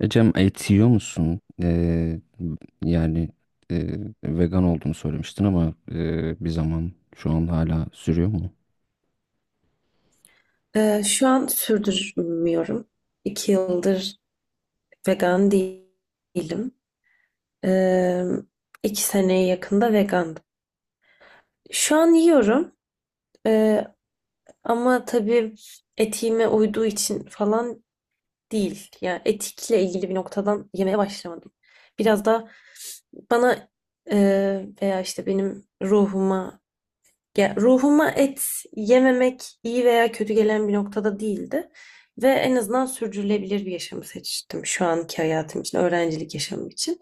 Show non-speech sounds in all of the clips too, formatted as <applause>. Ecem, et yiyor musun? Yani e, vegan olduğunu söylemiştin ama bir zaman şu an hala sürüyor mu? Şu an sürdürmüyorum. 2 yıldır vegan değilim. Ee, 2 seneye yakında vegandım. Şu an yiyorum. Ee, Ama tabii etiğime uyduğu için falan değil. Yani etikle ilgili bir noktadan yemeye başlamadım. Biraz da bana e, veya işte benim ruhuma ya ruhuma et yememek iyi veya kötü gelen bir noktada değildi. Ve en azından sürdürülebilir bir yaşamı seçtim şu anki hayatım için, öğrencilik yaşamım için.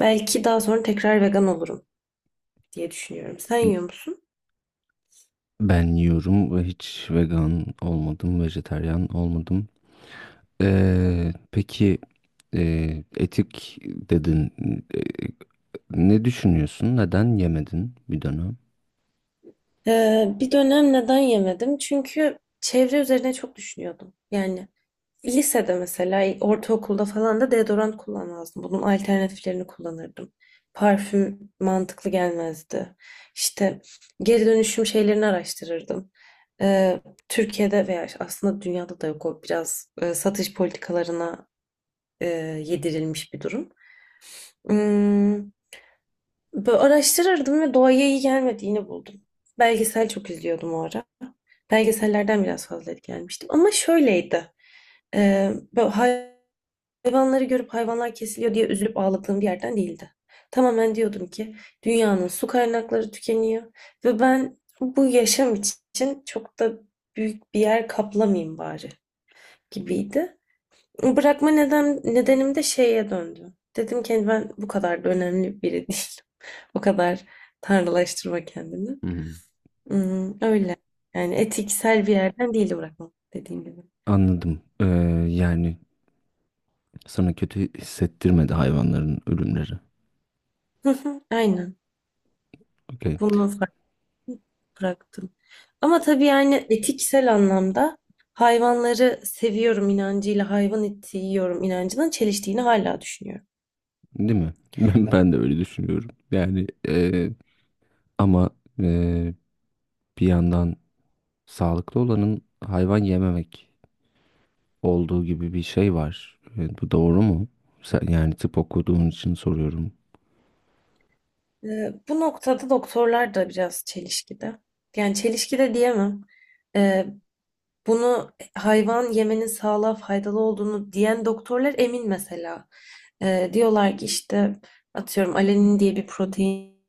Belki daha sonra tekrar vegan olurum diye düşünüyorum. Sen yiyor musun? Ben yiyorum ve hiç vegan olmadım, vejetaryen olmadım. Peki, etik dedin. E, Ne düşünüyorsun? Neden yemedin bir dönem? Bir dönem neden yemedim? Çünkü çevre üzerine çok düşünüyordum. Yani lisede mesela, ortaokulda falan da deodorant kullanmazdım. Bunun alternatiflerini kullanırdım. Parfüm mantıklı gelmezdi. İşte geri dönüşüm şeylerini araştırırdım. Ee, Türkiye'de veya aslında dünyada da yok, o biraz satış politikalarına e, yedirilmiş bir durum. Hmm, Böyle araştırırdım ve doğaya iyi gelmediğini buldum. Belgesel çok izliyordum o ara. Belgesellerden biraz fazla etkilenmiştim. Ama şöyleydi. Bö Hayvanları görüp hayvanlar kesiliyor diye üzülüp ağladığım bir yerden değildi. Tamamen diyordum ki dünyanın su kaynakları tükeniyor ve ben bu yaşam için çok da büyük bir yer kaplamayayım bari gibiydi. Bırakma neden, nedenim de şeye döndü. Dedim ki, "Hani ben bu kadar da önemli biri değilim." <laughs> O kadar tanrılaştırma kendini. Hmm. Hmm, öyle. Yani etiksel bir yerden değil bırakma dediğim gibi. Anladım. Yani sana kötü hissettirmedi hayvanların ölümleri. Hı hı, aynen. Okey. Bunu bıraktım. Ama tabii yani etiksel anlamda hayvanları seviyorum inancıyla hayvan eti yiyorum inancının çeliştiğini hala düşünüyorum. Değil mi? <laughs> Ben de öyle düşünüyorum. Yani ama e, bir yandan sağlıklı olanın hayvan yememek olduğu gibi bir şey var. Bu doğru mu? Sen, yani tıp okuduğun için soruyorum. Bu noktada doktorlar da biraz çelişkide. Yani çelişkide diyemem. Ee, Bunu hayvan yemenin sağlığa faydalı olduğunu diyen doktorlar emin mesela. Diyorlar ki işte atıyorum alenin diye bir protein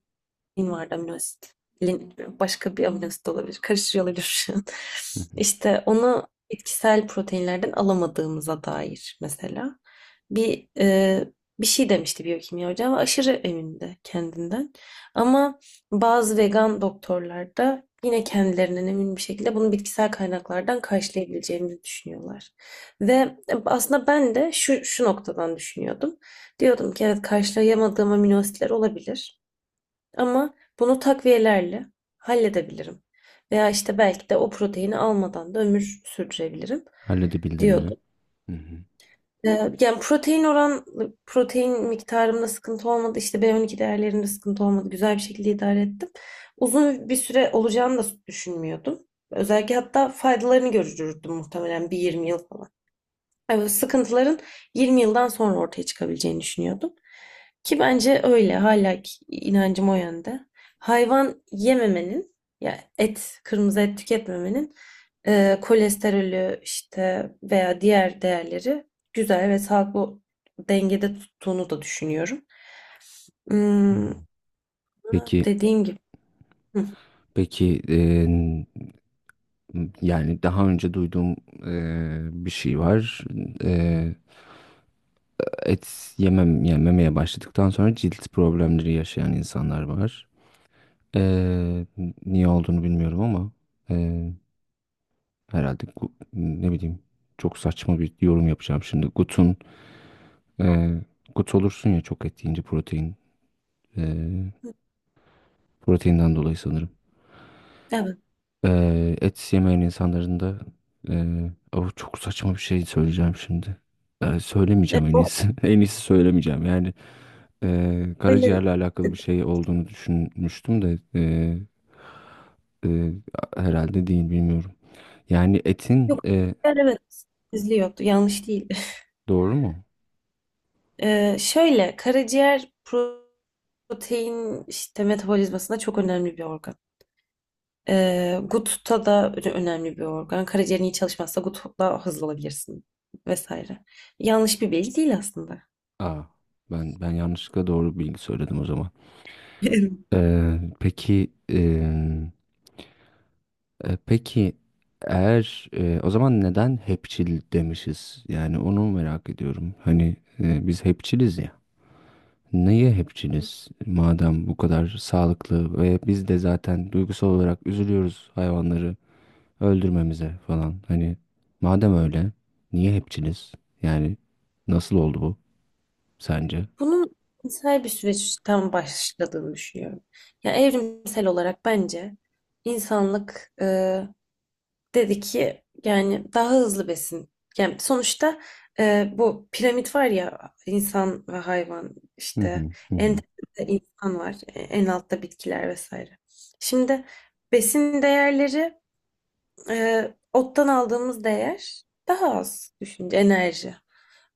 vardı, amino asit. Başka bir amino asit olabilir. Karıştırıyor olabilir şu an. Hı hı. <laughs> İşte onu bitkisel proteinlerden alamadığımıza dair mesela. Bir e, Bir şey demişti biyokimya hocam. Aşırı emindi kendinden. Ama bazı vegan doktorlar da yine kendilerinden emin bir şekilde bunu bitkisel kaynaklardan karşılayabileceğimizi düşünüyorlar. Ve aslında ben de şu noktadan düşünüyordum. Diyordum ki evet, karşılayamadığım amino asitler olabilir ama bunu takviyelerle halledebilirim. Veya işte belki de o proteini almadan da ömür sürdürebilirim Halledebildin mi? diyordum. Hı hı. Yani protein miktarımda sıkıntı olmadı. İşte B12 değerlerimde sıkıntı olmadı. Güzel bir şekilde idare ettim. Uzun bir süre olacağını da düşünmüyordum. Özellikle hatta faydalarını görürdüm muhtemelen bir 20 yıl. Evet, sıkıntıların 20 yıldan sonra ortaya çıkabileceğini düşünüyordum. Ki bence öyle. Hala ki inancım o yönde. Hayvan yememenin, ya et, kırmızı et tüketmemenin kolesterolü işte veya diğer değerleri güzel ve sağlıklı dengede tuttuğunu da düşünüyorum. Hı. Hmm, Peki, dediğim gibi. Hı, peki yani daha önce duyduğum bir şey var. E, Yani yememeye başladıktan sonra cilt problemleri yaşayan insanlar var. Ee, Niye olduğunu bilmiyorum ama ee, ne bileyim, çok saçma bir yorum yapacağım şimdi. Ee, Gut olursun ya çok et yiyince protein, ee, proteinden dolayı sanırım. evet. Et yemeyen insanların da oh, çok saçma bir şey söyleyeceğim şimdi. Söylemeyeceğim, en O iyisi. <laughs> En iyisi söylemeyeceğim. Yani böyle, karaciğerle e, alakalı bir şey olduğunu düşünmüştüm de ee, herhalde değil, bilmiyorum. Yani etin. yok. Yani evet. izliyordu. Yanlış değil. Doğru mu? Şöyle, karaciğer protein işte metabolizmasında çok önemli bir organ. GUT'ta da önemli bir organ. Karaciğerin iyi çalışmazsa GUT'la hızlı olabilirsin vesaire. Yanlış bir bilgi değil aslında. Aa, ben yanlışlıkla doğru bilgi söyledim o zaman. <laughs> Ee, peki em, peki eğer o zaman neden hepçil demişiz? Yani onu merak ediyorum. Hani biz hepçiliz ya. Niye hepçiliz? Madem bu kadar sağlıklı ve biz de zaten duygusal olarak üzülüyoruz hayvanları öldürmemize falan. Hani madem öyle, niye hepçiliz? Yani nasıl oldu bu sence? Bunun insel bir süreçten başladığını düşünüyorum. Yani evrimsel olarak bence insanlık dedi ki yani daha hızlı besin. Yani sonuçta bu piramit var ya, insan ve hayvan Hı işte, hı hı. en Hı. tepede insan var, en altta bitkiler vesaire. Şimdi besin değerleri, e, ottan aldığımız değer daha az düşünce enerji.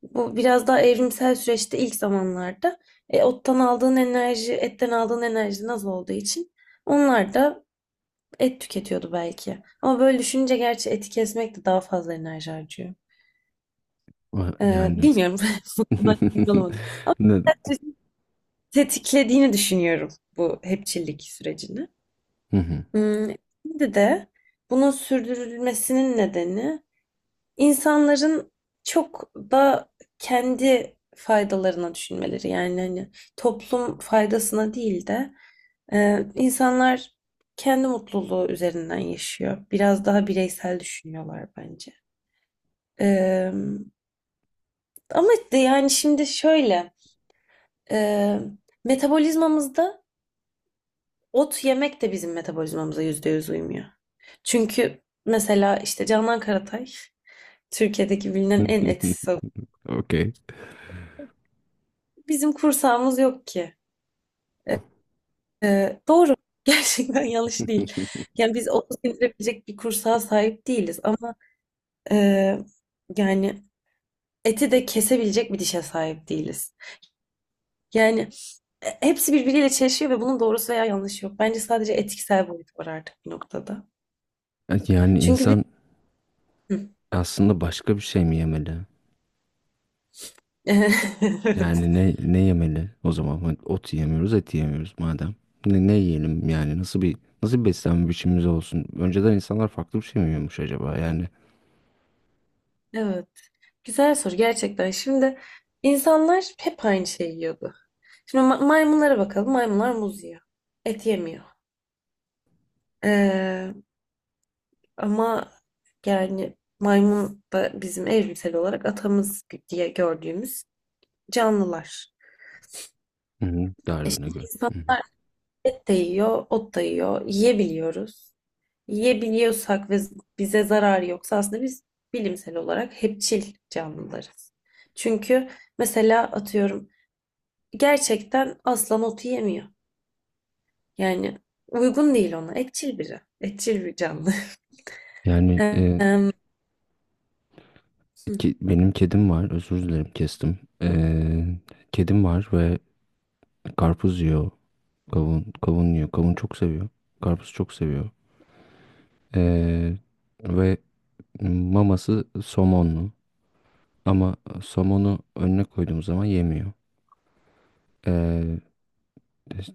Bu biraz daha evrimsel süreçte ilk zamanlarda ottan aldığın enerji, etten aldığın enerji az olduğu için onlar da et tüketiyordu belki. Ama böyle düşününce gerçi eti kesmek de daha fazla enerji harcıyor. Ah, yani. Bilmiyorum. <laughs> Bu konuda emin <laughs> olamadım. Ama Ne- ben tetiklediğini düşünüyorum bu hepçillik sürecini. Hı hı. Hmm, Şimdi de bunun sürdürülmesinin nedeni İnsanların çok da kendi faydalarına düşünmeleri, yani hani toplum faydasına değil de insanlar kendi mutluluğu üzerinden yaşıyor. Biraz daha bireysel düşünüyorlar bence. E, Ama de yani şimdi şöyle, e, metabolizmamızda ot yemek de bizim metabolizmamıza %100 uymuyor. Çünkü mesela işte Canan Karatay Türkiye'deki bilinen en <laughs> etsiz adam. Okey. Bizim kursağımız yok ki. Doğru. <laughs> Gerçekten yanlış değil. Yani biz onu sindirebilecek bir kursağa sahip değiliz ama e, yani eti de kesebilecek bir dişe sahip değiliz. Yani hepsi birbiriyle çelişiyor ve bunun doğrusu veya yanlışı yok. Bence sadece etiksel boyut var artık bir noktada. Evet, yani Çünkü biz... insan Hı. aslında başka bir şey mi yemeli? <laughs> Evet. Yani ne ne yemeli o zaman? Hani ot yemiyoruz, et yemiyoruz madem. Ne, ne yiyelim yani? Nasıl bir beslenme biçimimiz olsun? Önceden insanlar farklı bir şey mi yiyormuş acaba? Yani. Evet. Güzel soru gerçekten. Şimdi insanlar hep aynı şeyi yiyordu. Şimdi maymunlara bakalım. Maymunlar muz yiyor. Et yemiyor. Ee, Ama yani maymun da bizim evrimsel olarak atamız diye gördüğümüz canlılar. Hı hı. İşte Darwin'e göre. Hı hı. insanlar et de yiyor, ot da yiyor, yiyebiliyoruz. Yiyebiliyorsak ve bize zarar yoksa aslında biz bilimsel olarak hepçil canlılarız. Çünkü mesela atıyorum gerçekten aslan ot yemiyor. Yani uygun değil ona. Etçil biri. Etçil bir canlı. <laughs> Yani Em, hı, benim kedim var. Özür dilerim, kestim. Kedim var ve karpuz yiyor. Kavun yiyor. Kavun çok seviyor. Karpuz çok seviyor. Ee, Ve maması somonlu. Ama somonu önüne koyduğum zaman yemiyor. Ee,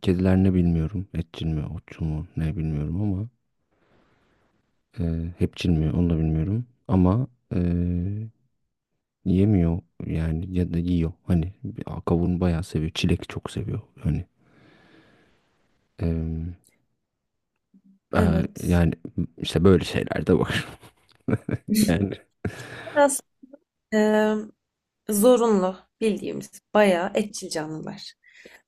Kediler ne bilmiyorum. Etçil mi, otçul mu ne bilmiyorum ama hepçil mi onu da bilmiyorum. Ama e, yemiyor yani ya da yiyor. Kavun bayağı seviyor. Çilek çok seviyor. Hani em, e, evet. yani işte böyle şeyler de var. <laughs> Yani, Biraz zorunlu bildiğimiz bayağı etçil canlılar.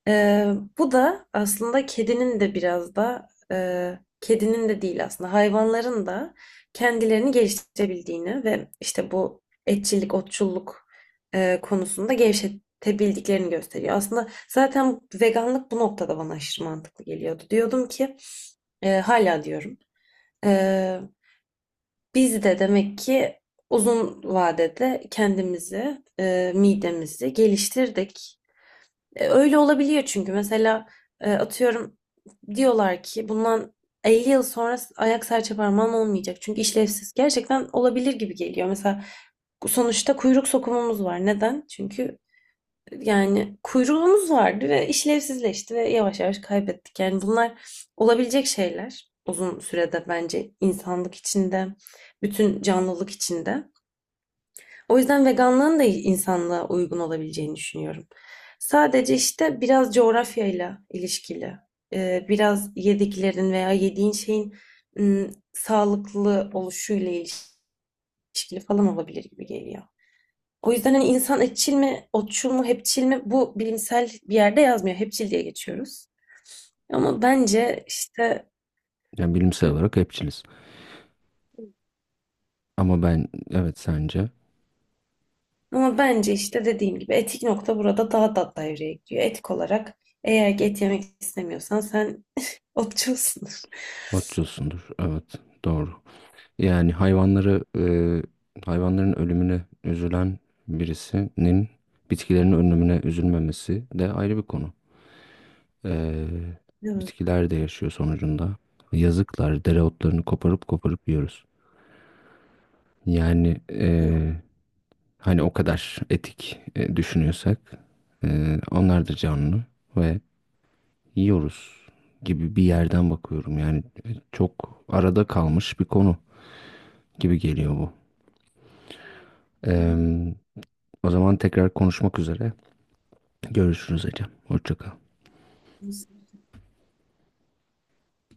Ee, Bu da aslında kedinin de biraz da kedinin de değil aslında hayvanların da kendilerini geliştirebildiğini ve işte bu etçillik, otçulluk konusunda gevşetebildiklerini gösteriyor. Aslında zaten veganlık bu noktada bana aşırı mantıklı geliyordu. Diyordum ki, hala diyorum. e, Biz de demek ki uzun vadede kendimizi, midemizi geliştirdik. Öyle olabiliyor çünkü mesela atıyorum diyorlar ki bundan 50 yıl sonra ayak serçe parmağın olmayacak. Çünkü işlevsiz. Gerçekten olabilir gibi geliyor. Mesela sonuçta kuyruk sokumumuz var. Neden? Çünkü yani kuyruğumuz vardı ve işlevsizleşti ve yavaş yavaş kaybettik. Yani bunlar olabilecek şeyler uzun sürede bence insanlık içinde, bütün canlılık içinde. O yüzden veganlığın da insanlığa uygun olabileceğini düşünüyorum. Sadece işte biraz coğrafyayla ilişkili, biraz yediklerin veya yediğin şeyin sağlıklı oluşuyla ilişkili falan olabilir gibi geliyor. O yüzden hani insan etçil mi, otçul mu, hepçil mi, bu bilimsel bir yerde yazmıyor. Hepçil diye geçiyoruz. Ama bence işte Yani bilimsel olarak hepçiliz. Ama ben evet sence Ama bence işte dediğim gibi etik nokta burada daha da devreye giriyor. Etik olarak eğer ki et yemek istemiyorsan sen otçulsun. otçulsundur. Evet, doğru. Yani hayvanların ölümüne üzülen birisinin bitkilerin ölümüne üzülmemesi de ayrı bir konu. E, <laughs> Bitkiler de yaşıyor sonucunda. Yazıklar, dereotlarını koparıp koparıp yiyoruz. Yani e, Hani o kadar etik düşünüyorsak onlar da canlı ve yiyoruz gibi bir yerden bakıyorum. Yani çok arada kalmış bir konu gibi geliyor bu. Eee, O zaman tekrar konuşmak üzere. Görüşürüz Ecem. Hoşça kal. Evet.